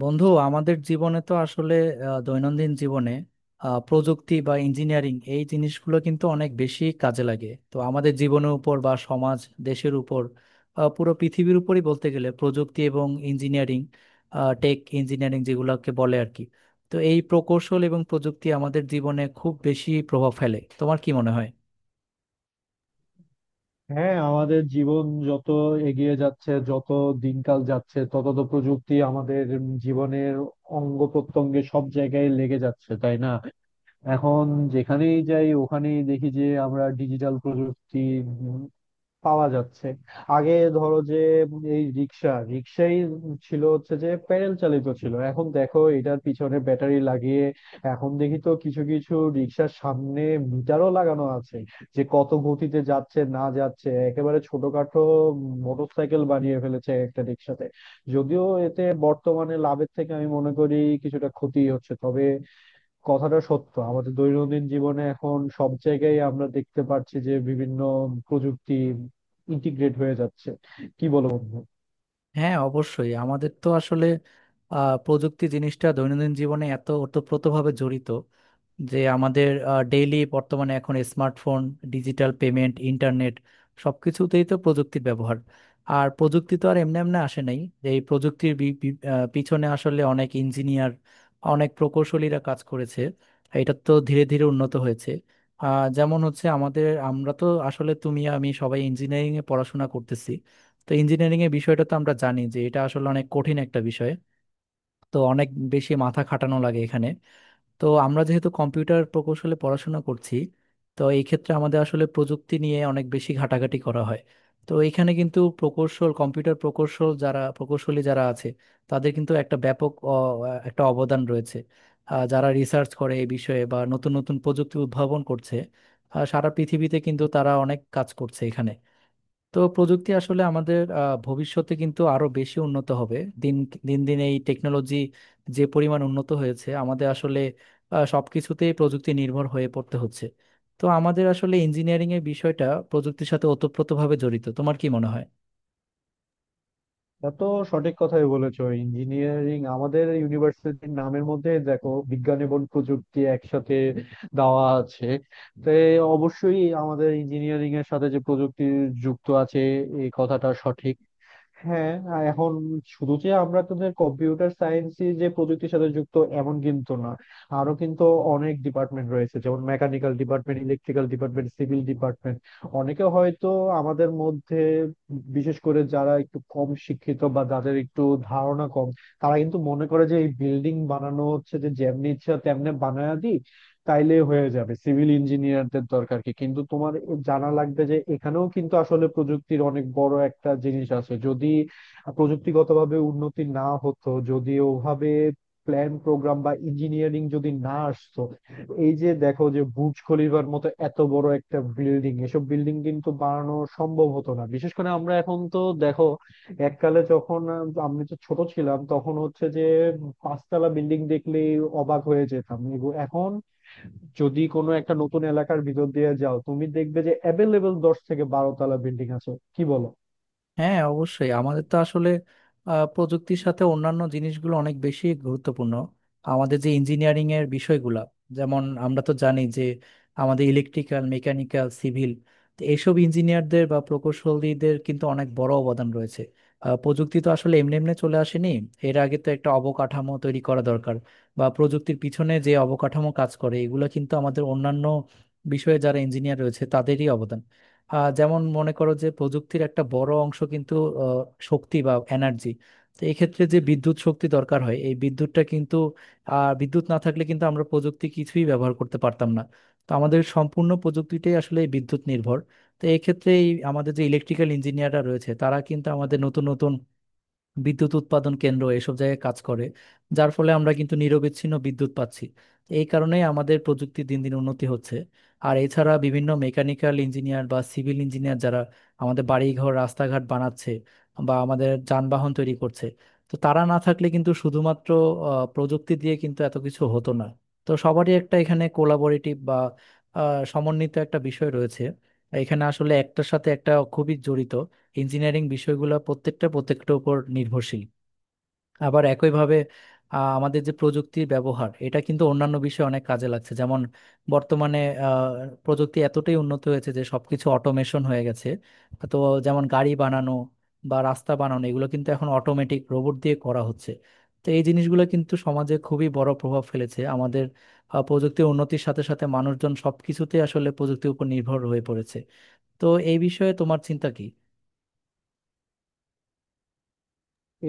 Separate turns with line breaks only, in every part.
বন্ধু, আমাদের জীবনে তো আসলে দৈনন্দিন জীবনে প্রযুক্তি বা ইঞ্জিনিয়ারিং এই জিনিসগুলো কিন্তু অনেক বেশি কাজে লাগে, তো আমাদের জীবনের উপর বা সমাজ দেশের উপর, পুরো পৃথিবীর উপরই বলতে গেলে প্রযুক্তি এবং ইঞ্জিনিয়ারিং, টেক ইঞ্জিনিয়ারিং যেগুলোকে বলে আর কি। তো এই প্রকৌশল এবং প্রযুক্তি আমাদের জীবনে খুব বেশি প্রভাব ফেলে, তোমার কি মনে হয়?
হ্যাঁ, আমাদের জীবন যত এগিয়ে যাচ্ছে, যত দিনকাল যাচ্ছে, তত তো প্রযুক্তি আমাদের জীবনের অঙ্গ প্রত্যঙ্গে সব জায়গায় লেগে যাচ্ছে, তাই না? এখন যেখানেই যাই ওখানেই দেখি যে আমরা ডিজিটাল প্রযুক্তি পাওয়া যাচ্ছে। আগে ধরো যে এই রিক্সা রিক্সাই ছিল, হচ্ছে যে প্যাডেল চালিত ছিল, এখন দেখো এটার পিছনে ব্যাটারি লাগিয়ে এখন দেখি তো কিছু কিছু রিক্সার সামনে মিটারও লাগানো আছে, যে কত গতিতে যাচ্ছে না যাচ্ছে, একেবারে ছোটখাটো মোটরসাইকেল বানিয়ে ফেলেছে একটা রিক্সাতে। যদিও এতে বর্তমানে লাভের থেকে আমি মনে করি কিছুটা ক্ষতি হচ্ছে, তবে কথাটা সত্য, আমাদের দৈনন্দিন জীবনে এখন সব জায়গায় আমরা দেখতে পাচ্ছি যে বিভিন্ন প্রযুক্তি ইন্টিগ্রেট হয়ে যাচ্ছে। কি বলো বন্ধু?
হ্যাঁ, অবশ্যই আমাদের তো আসলে প্রযুক্তি জিনিসটা দৈনন্দিন জীবনে এত ওতপ্রোতভাবে জড়িত যে আমাদের ডেইলি বর্তমানে এখন স্মার্টফোন, ডিজিটাল পেমেন্ট, ইন্টারনেট, সবকিছুতেই তো প্রযুক্তির ব্যবহার। আর প্রযুক্তি তো আর এমনি এমনি আসে নাই, যে এই প্রযুক্তির বি- বি- আহ, পিছনে আসলে অনেক ইঞ্জিনিয়ার, অনেক প্রকৌশলীরা কাজ করেছে। এটা তো ধীরে ধীরে উন্নত হয়েছে। যেমন হচ্ছে আমাদের আমরা তো আসলে তুমি আমি সবাই ইঞ্জিনিয়ারিং এ পড়াশোনা করতেছি। তো ইঞ্জিনিয়ারিং এর বিষয়টা তো আমরা জানি যে এটা আসলে অনেক কঠিন একটা বিষয়। তো অনেক বেশি মাথা খাটানো লাগে এখানে। তো আমরা যেহেতু কম্পিউটার প্রকৌশলে পড়াশোনা করছি, তো এই ক্ষেত্রে আমাদের আসলে প্রযুক্তি নিয়ে অনেক বেশি ঘাটাঘাটি করা হয়। তো এখানে কিন্তু প্রকৌশল, কম্পিউটার প্রকৌশল, যারা প্রকৌশলী যারা আছে তাদের কিন্তু একটা ব্যাপক একটা অবদান রয়েছে। যারা রিসার্চ করে এই বিষয়ে বা নতুন নতুন প্রযুক্তি উদ্ভাবন করছে, সারা পৃথিবীতে কিন্তু তারা অনেক কাজ করছে এখানে। তো প্রযুক্তি আসলে আমাদের ভবিষ্যতে কিন্তু আরো বেশি উন্নত হবে। দিন দিন দিন এই টেকনোলজি যে পরিমাণ উন্নত হয়েছে আমাদের আসলে সবকিছুতেই প্রযুক্তি নির্ভর হয়ে পড়তে হচ্ছে। তো আমাদের আসলে ইঞ্জিনিয়ারিং এর বিষয়টা প্রযুক্তির সাথে ওতপ্রোতভাবে জড়িত, তোমার কি মনে হয়?
তা তো সঠিক কথাই বলেছো, ইঞ্জিনিয়ারিং আমাদের ইউনিভার্সিটির নামের মধ্যে দেখো বিজ্ঞান এবং প্রযুক্তি একসাথে দেওয়া আছে। তো অবশ্যই আমাদের ইঞ্জিনিয়ারিং এর সাথে যে প্রযুক্তি যুক্ত আছে, এই কথাটা সঠিক। হ্যাঁ, আর এখন শুধু যে আমরা তোদের কম্পিউটার সায়েন্স যে প্রযুক্তির সাথে যুক্ত, এমন কিন্তু না, আরো কিন্তু অনেক ডিপার্টমেন্ট রয়েছে, যেমন mechanical department, electrical department, civil department. অনেকে হয়তো আমাদের মধ্যে, বিশেষ করে যারা একটু কম শিক্ষিত বা যাদের একটু ধারণা কম, তারা কিন্তু মনে করে যে এই বিল্ডিং বানানো হচ্ছে যে যেমনি ইচ্ছা তেমনি বানায় দিই, তাইলে হয়ে যাবে, সিভিল ইঞ্জিনিয়ারদের দরকার কি? কিন্তু তোমার জানা লাগবে যে এখানেও কিন্তু আসলে প্রযুক্তির অনেক বড় একটা জিনিস আছে। যদি প্রযুক্তিগতভাবে উন্নতি না হতো, যদি ওভাবে প্ল্যান প্রোগ্রাম বা ইঞ্জিনিয়ারিং যদি না আসতো, এই যে দেখো যে বুর্জ খলিফার মতো এত বড় একটা বিল্ডিং, এসব বিল্ডিং কিন্তু বানানো সম্ভব হতো না। বিশেষ করে আমরা এখন তো দেখো, এককালে যখন আমি তো ছোট ছিলাম, তখন হচ্ছে যে পাঁচতলা বিল্ডিং দেখলেই অবাক হয়ে যেতাম। এখন যদি কোনো একটা নতুন এলাকার ভিতর দিয়ে যাও, তুমি দেখবে যে অ্যাভেলেবেল 10 থেকে 12 তলা বিল্ডিং আছে। কি বলো?
হ্যাঁ, অবশ্যই আমাদের তো আসলে প্রযুক্তির সাথে অন্যান্য জিনিসগুলো অনেক বেশি গুরুত্বপূর্ণ। আমাদের যে ইঞ্জিনিয়ারিং এর বিষয়গুলো, যেমন আমরা তো জানি যে আমাদের ইলেকট্রিক্যাল, মেকানিক্যাল, সিভিল, এইসব ইঞ্জিনিয়ারদের বা প্রকৌশলীদের কিন্তু অনেক বড় অবদান রয়েছে। প্রযুক্তি তো আসলে এমনি এমনি চলে আসেনি। এর আগে তো একটা অবকাঠামো তৈরি করা দরকার, বা প্রযুক্তির পিছনে যে অবকাঠামো কাজ করে এগুলো কিন্তু আমাদের অন্যান্য বিষয়ে যারা ইঞ্জিনিয়ার রয়েছে তাদেরই অবদান। যেমন মনে করো যে প্রযুক্তির একটা বড় অংশ কিন্তু আহ, শক্তি বা এনার্জি। তো এক্ষেত্রে যে বিদ্যুৎ শক্তি দরকার হয় এই বিদ্যুৎটা কিন্তু বিদ্যুৎ না থাকলে কিন্তু আমরা প্রযুক্তি কিছুই ব্যবহার করতে পারতাম না। তো আমাদের সম্পূর্ণ প্রযুক্তিটাই আসলে বিদ্যুৎ নির্ভর। তো এক্ষেত্রে এই আমাদের যে ইলেকট্রিক্যাল ইঞ্জিনিয়াররা রয়েছে তারা কিন্তু আমাদের নতুন নতুন বিদ্যুৎ উৎপাদন কেন্দ্র এসব জায়গায় কাজ করে, যার ফলে আমরা কিন্তু নিরবিচ্ছিন্ন বিদ্যুৎ পাচ্ছি। এই কারণেই আমাদের প্রযুক্তি দিন দিন উন্নতি হচ্ছে। আর এছাড়া বিভিন্ন মেকানিক্যাল ইঞ্জিনিয়ার বা সিভিল ইঞ্জিনিয়ার যারা আমাদের বাড়িঘর, রাস্তাঘাট বানাচ্ছে, বা আমাদের যানবাহন তৈরি করছে, তো তারা না থাকলে কিন্তু শুধুমাত্র প্রযুক্তি দিয়ে কিন্তু এত কিছু হতো না। তো সবারই একটা এখানে কোলাবোরেটিভ বা সমন্বিত একটা বিষয় রয়েছে। এখানে আসলে একটার সাথে একটা খুবই জড়িত, ইঞ্জিনিয়ারিং বিষয়গুলো প্রত্যেকটা প্রত্যেকটার উপর নির্ভরশীল। আবার একইভাবে আমাদের যে প্রযুক্তির ব্যবহার এটা কিন্তু অন্যান্য বিষয়ে অনেক কাজে লাগছে, যেমন বর্তমানে আহ, প্রযুক্তি এতটাই উন্নত হয়েছে যে সবকিছু অটোমেশন হয়ে গেছে। তো যেমন গাড়ি বানানো বা রাস্তা বানানো, এগুলো কিন্তু এখন অটোমেটিক রোবট দিয়ে করা হচ্ছে। তো এই জিনিসগুলো কিন্তু সমাজে খুবই বড় প্রভাব ফেলেছে আমাদের। প্রযুক্তির উন্নতির সাথে সাথে মানুষজন সবকিছুতে আসলে প্রযুক্তির উপর নির্ভর হয়ে পড়েছে। তো এই বিষয়ে তোমার চিন্তা কি?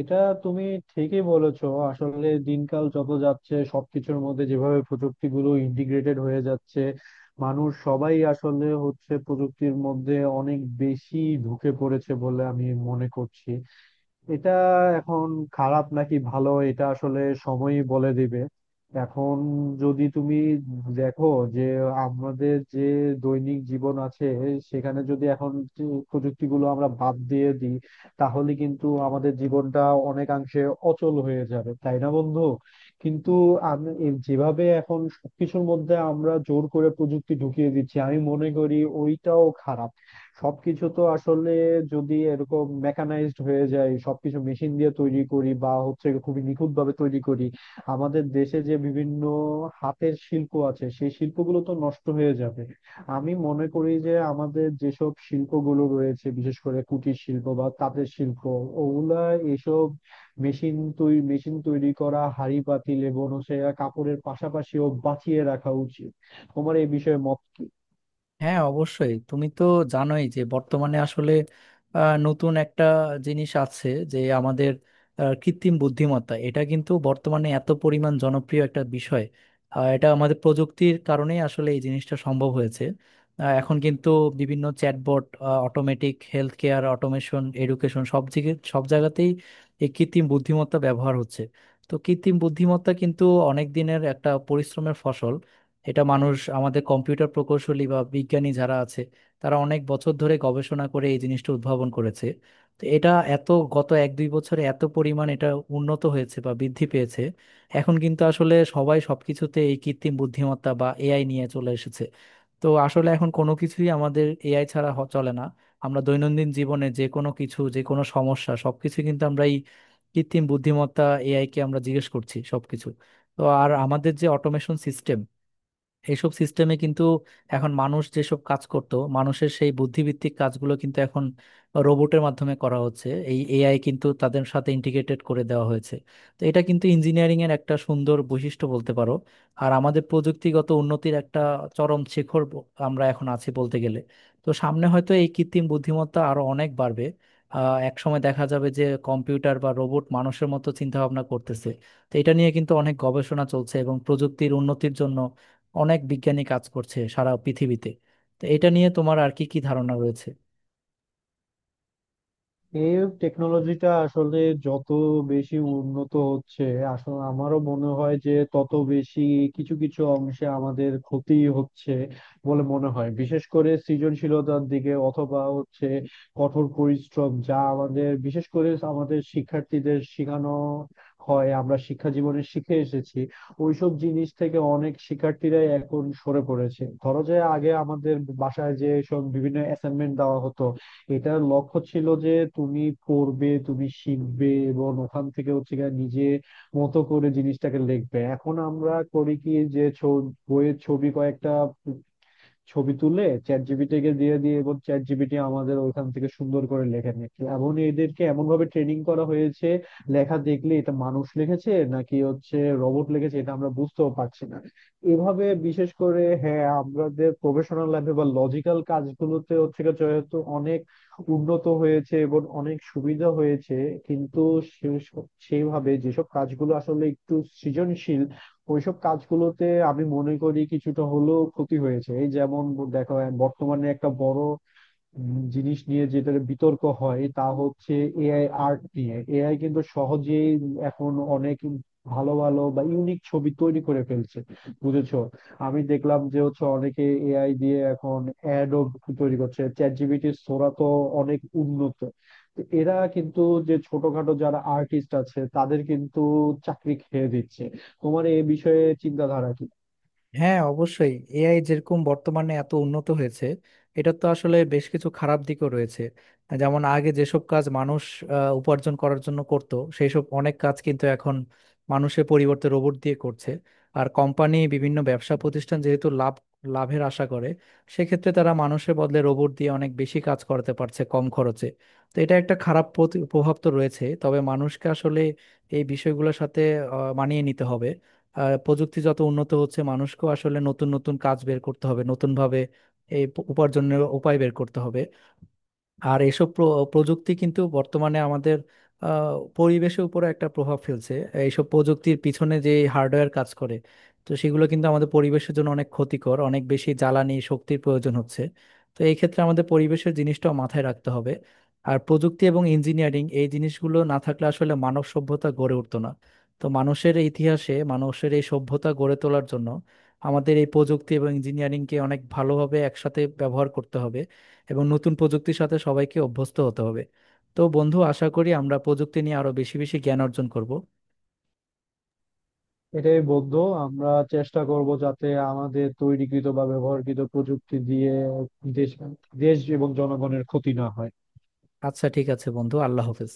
এটা তুমি ঠিকই বলেছো, আসলে দিনকাল যত যাচ্ছে সবকিছুর মধ্যে যেভাবে প্রযুক্তিগুলো ইন্টিগ্রেটেড হয়ে যাচ্ছে, মানুষ সবাই আসলে হচ্ছে প্রযুক্তির মধ্যে অনেক বেশি ঢুকে পড়েছে বলে আমি মনে করছি। এটা এখন খারাপ নাকি ভালো, এটা আসলে সময়ই বলে দিবে। এখন যদি তুমি দেখো যে আমাদের যে দৈনিক জীবন আছে, সেখানে যদি এখন যে প্রযুক্তিগুলো আমরা বাদ দিয়ে দিই, তাহলে কিন্তু আমাদের জীবনটা অনেকাংশে অচল হয়ে যাবে, তাই না বন্ধু? কিন্তু আমি যেভাবে এখন সবকিছুর মধ্যে আমরা জোর করে প্রযুক্তি ঢুকিয়ে দিচ্ছি, আমি মনে করি ওইটাও খারাপ। সবকিছু তো আসলে যদি এরকম মেকানাইজড হয়ে যায়, সবকিছু মেশিন দিয়ে তৈরি করি বা হচ্ছে খুবই নিখুঁত ভাবে তৈরি করি, আমাদের দেশে যে বিভিন্ন হাতের শিল্প আছে, সেই শিল্পগুলো তো নষ্ট হয়ে যাবে। আমি মনে করি যে আমাদের যেসব শিল্পগুলো রয়েছে, বিশেষ করে কুটির শিল্প বা তাঁতের শিল্প, ওগুলা এসব মেশিন তৈরি করা হাঁড়ি পাতিল এবং সে কাপড়ের পাশাপাশিও বাঁচিয়ে রাখা উচিত। তোমার এই বিষয়ে মত কি?
হ্যাঁ, অবশ্যই তুমি তো জানোই যে বর্তমানে আসলে নতুন একটা জিনিস আছে যে আমাদের কৃত্রিম বুদ্ধিমত্তা, এটা কিন্তু বর্তমানে এত পরিমাণ জনপ্রিয় একটা বিষয়। এটা আমাদের প্রযুক্তির কারণেই আসলে এই জিনিসটা সম্ভব হয়েছে। এখন কিন্তু বিভিন্ন chatbot, automatic health care, automation, education, সব দিকে সব জায়গাতেই এই কৃত্রিম বুদ্ধিমত্তা ব্যবহার হচ্ছে। তো কৃত্রিম বুদ্ধিমত্তা কিন্তু অনেক দিনের একটা পরিশ্রমের ফসল। এটা মানুষ আমাদের কম্পিউটার প্রকৌশলী বা বিজ্ঞানী যারা আছে তারা অনেক বছর ধরে গবেষণা করে এই জিনিসটা উদ্ভাবন করেছে। তো এটা এত গত এক দুই বছরে এত পরিমাণ এটা উন্নত হয়েছে বা বৃদ্ধি পেয়েছে। এখন কিন্তু আসলে সবাই সবকিছুতে এই কৃত্রিম বুদ্ধিমত্তা বা এআই নিয়ে চলে এসেছে। তো আসলে এখন কোনো কিছুই আমাদের এআই ছাড়া চলে না। আমরা দৈনন্দিন জীবনে যে কোনো কিছু যে কোনো সমস্যা সবকিছু কিন্তু আমরা এই কৃত্রিম বুদ্ধিমত্তা, এআই কে আমরা জিজ্ঞেস করছি সবকিছু। তো আর আমাদের যে অটোমেশন সিস্টেম, এইসব সিস্টেমে কিন্তু এখন মানুষ যেসব কাজ করত মানুষের সেই বুদ্ধিভিত্তিক কাজগুলো কিন্তু এখন রোবটের মাধ্যমে করা হচ্ছে, এই এআই কিন্তু তাদের সাথে ইন্টিগ্রেটেড করে দেওয়া হয়েছে। তো এটা কিন্তু ইঞ্জিনিয়ারিং এর একটা সুন্দর বৈশিষ্ট্য বলতে পারো। আর আমাদের প্রযুক্তিগত উন্নতির একটা চরম শিখর আমরা এখন আছি বলতে গেলে। তো সামনে হয়তো এই কৃত্রিম বুদ্ধিমত্তা আরো অনেক বাড়বে। এক সময় দেখা যাবে যে কম্পিউটার বা রোবট মানুষের মতো চিন্তা ভাবনা করতেছে। তো এটা নিয়ে কিন্তু অনেক গবেষণা চলছে এবং প্রযুক্তির উন্নতির জন্য অনেক বিজ্ঞানী কাজ করছে সারা পৃথিবীতে। তো এটা নিয়ে তোমার আর কি কি ধারণা রয়েছে?
এই টেকনোলজিটা আসলে যত বেশি উন্নত হচ্ছে, আসলে আমারও মনে হয় যে তত বেশি কিছু কিছু অংশে আমাদের ক্ষতি হচ্ছে বলে মনে হয়, বিশেষ করে সৃজনশীলতার দিকে। অথবা হচ্ছে কঠোর পরিশ্রম, যা আমাদের বিশেষ করে আমাদের শিক্ষার্থীদের শেখানো হয়, আমরা শিক্ষা জীবনে শিখে এসেছি, ওইসব জিনিস থেকে অনেক শিক্ষার্থীরাই এখন সরে পড়েছে। ধরো যে আগে আমাদের বাসায় যে সব বিভিন্ন অ্যাসাইনমেন্ট দেওয়া হতো, এটার লক্ষ্য ছিল যে তুমি পড়বে, তুমি শিখবে এবং ওখান থেকে হচ্ছে গিয়ে নিজে মতো করে জিনিসটাকে লিখবে। এখন আমরা করি কি, যে বইয়ের ছবি কয়েকটা ছবি তুলে চ্যাট জিপিটিকে দিয়ে দিয়ে, এবং চ্যাট জিপিটি আমাদের ওইখান থেকে সুন্দর করে লেখে নিচ্ছে, এমন এদেরকে এমন ভাবে ট্রেনিং করা হয়েছে, লেখা দেখলে এটা মানুষ লিখেছে নাকি হচ্ছে রোবট লিখেছে এটা আমরা বুঝতেও পারছি না। এভাবে বিশেষ করে হ্যাঁ আমাদের প্রফেশনাল লাইফে বা লজিক্যাল কাজগুলোতে হচ্ছে গিয়ে যেহেতু অনেক উন্নত হয়েছে এবং অনেক সুবিধা হয়েছে, কিন্তু সেইভাবে যেসব কাজগুলো আসলে একটু সৃজনশীল, ওইসব কাজগুলোতে আমি মনে করি কিছুটা হলেও ক্ষতি হয়েছে। এই যেমন দেখো, বর্তমানে একটা বড় জিনিস নিয়ে যেটা বিতর্ক হয় তা হচ্ছে এআই আর্ট নিয়ে। এআই কিন্তু সহজেই এখন অনেক ভালো ভালো বা ইউনিক ছবি তৈরি করে ফেলছে। বুঝেছো? আমি দেখলাম যে হচ্ছে অনেকে এআই দিয়ে এখন অ্যাডও তৈরি করছে। চ্যাট জিপিটি সোরা তো অনেক উন্নত, তো এরা কিন্তু যে ছোটখাটো যারা আর্টিস্ট আছে তাদের কিন্তু চাকরি খেয়ে দিচ্ছে। তোমার এই বিষয়ে চিন্তাধারা কি?
হ্যাঁ, অবশ্যই এআই যেরকম বর্তমানে এত উন্নত হয়েছে, এটা তো আসলে বেশ কিছু খারাপ দিকও রয়েছে। যেমন আগে যেসব কাজ মানুষ উপার্জন করার জন্য করত, সেই সব অনেক কাজ কিন্তু এখন মানুষের পরিবর্তে রোবট দিয়ে করছে। আর কোম্পানি, বিভিন্ন ব্যবসা প্রতিষ্ঠান যেহেতু লাভের আশা করে, সেক্ষেত্রে তারা মানুষের বদলে রোবট দিয়ে অনেক বেশি কাজ করাতে পারছে কম খরচে। তো এটা একটা খারাপ প্রভাব তো রয়েছে, তবে মানুষকে আসলে এই বিষয়গুলোর সাথে মানিয়ে নিতে হবে। প্রযুক্তি যত উন্নত হচ্ছে মানুষকেও আসলে নতুন নতুন কাজ বের করতে হবে, নতুন ভাবে এই উপার্জনের উপায় বের করতে হবে। আর এসব প্রযুক্তি কিন্তু বর্তমানে আমাদের পরিবেশের উপরে একটা প্রভাব ফেলছে। এইসব প্রযুক্তির পিছনে যে হার্ডওয়্যার কাজ করে, তো সেগুলো কিন্তু আমাদের পরিবেশের জন্য অনেক ক্ষতিকর, অনেক বেশি জ্বালানি শক্তির প্রয়োজন হচ্ছে। তো এই ক্ষেত্রে আমাদের পরিবেশের জিনিসটাও মাথায় রাখতে হবে। আর প্রযুক্তি এবং ইঞ্জিনিয়ারিং এই জিনিসগুলো না থাকলে আসলে মানব সভ্যতা গড়ে উঠতো না। তো মানুষের ইতিহাসে মানুষের এই সভ্যতা গড়ে তোলার জন্য আমাদের এই প্রযুক্তি এবং ইঞ্জিনিয়ারিংকে অনেক ভালোভাবে একসাথে ব্যবহার করতে হবে এবং নতুন প্রযুক্তির সাথে সবাইকে অভ্যস্ত হতে হবে। তো বন্ধু, আশা করি আমরা প্রযুক্তি নিয়ে আরো বেশি বেশি জ্ঞান অর্জন করব।
এটাই বলতো, আমরা চেষ্টা করব যাতে আমাদের তৈরিকৃত বা ব্যবহারকৃত প্রযুক্তি দিয়ে দেশ দেশ এবং জনগণের ক্ষতি না হয়।
আচ্ছা ঠিক আছে বন্ধু, আল্লাহ হাফেজ।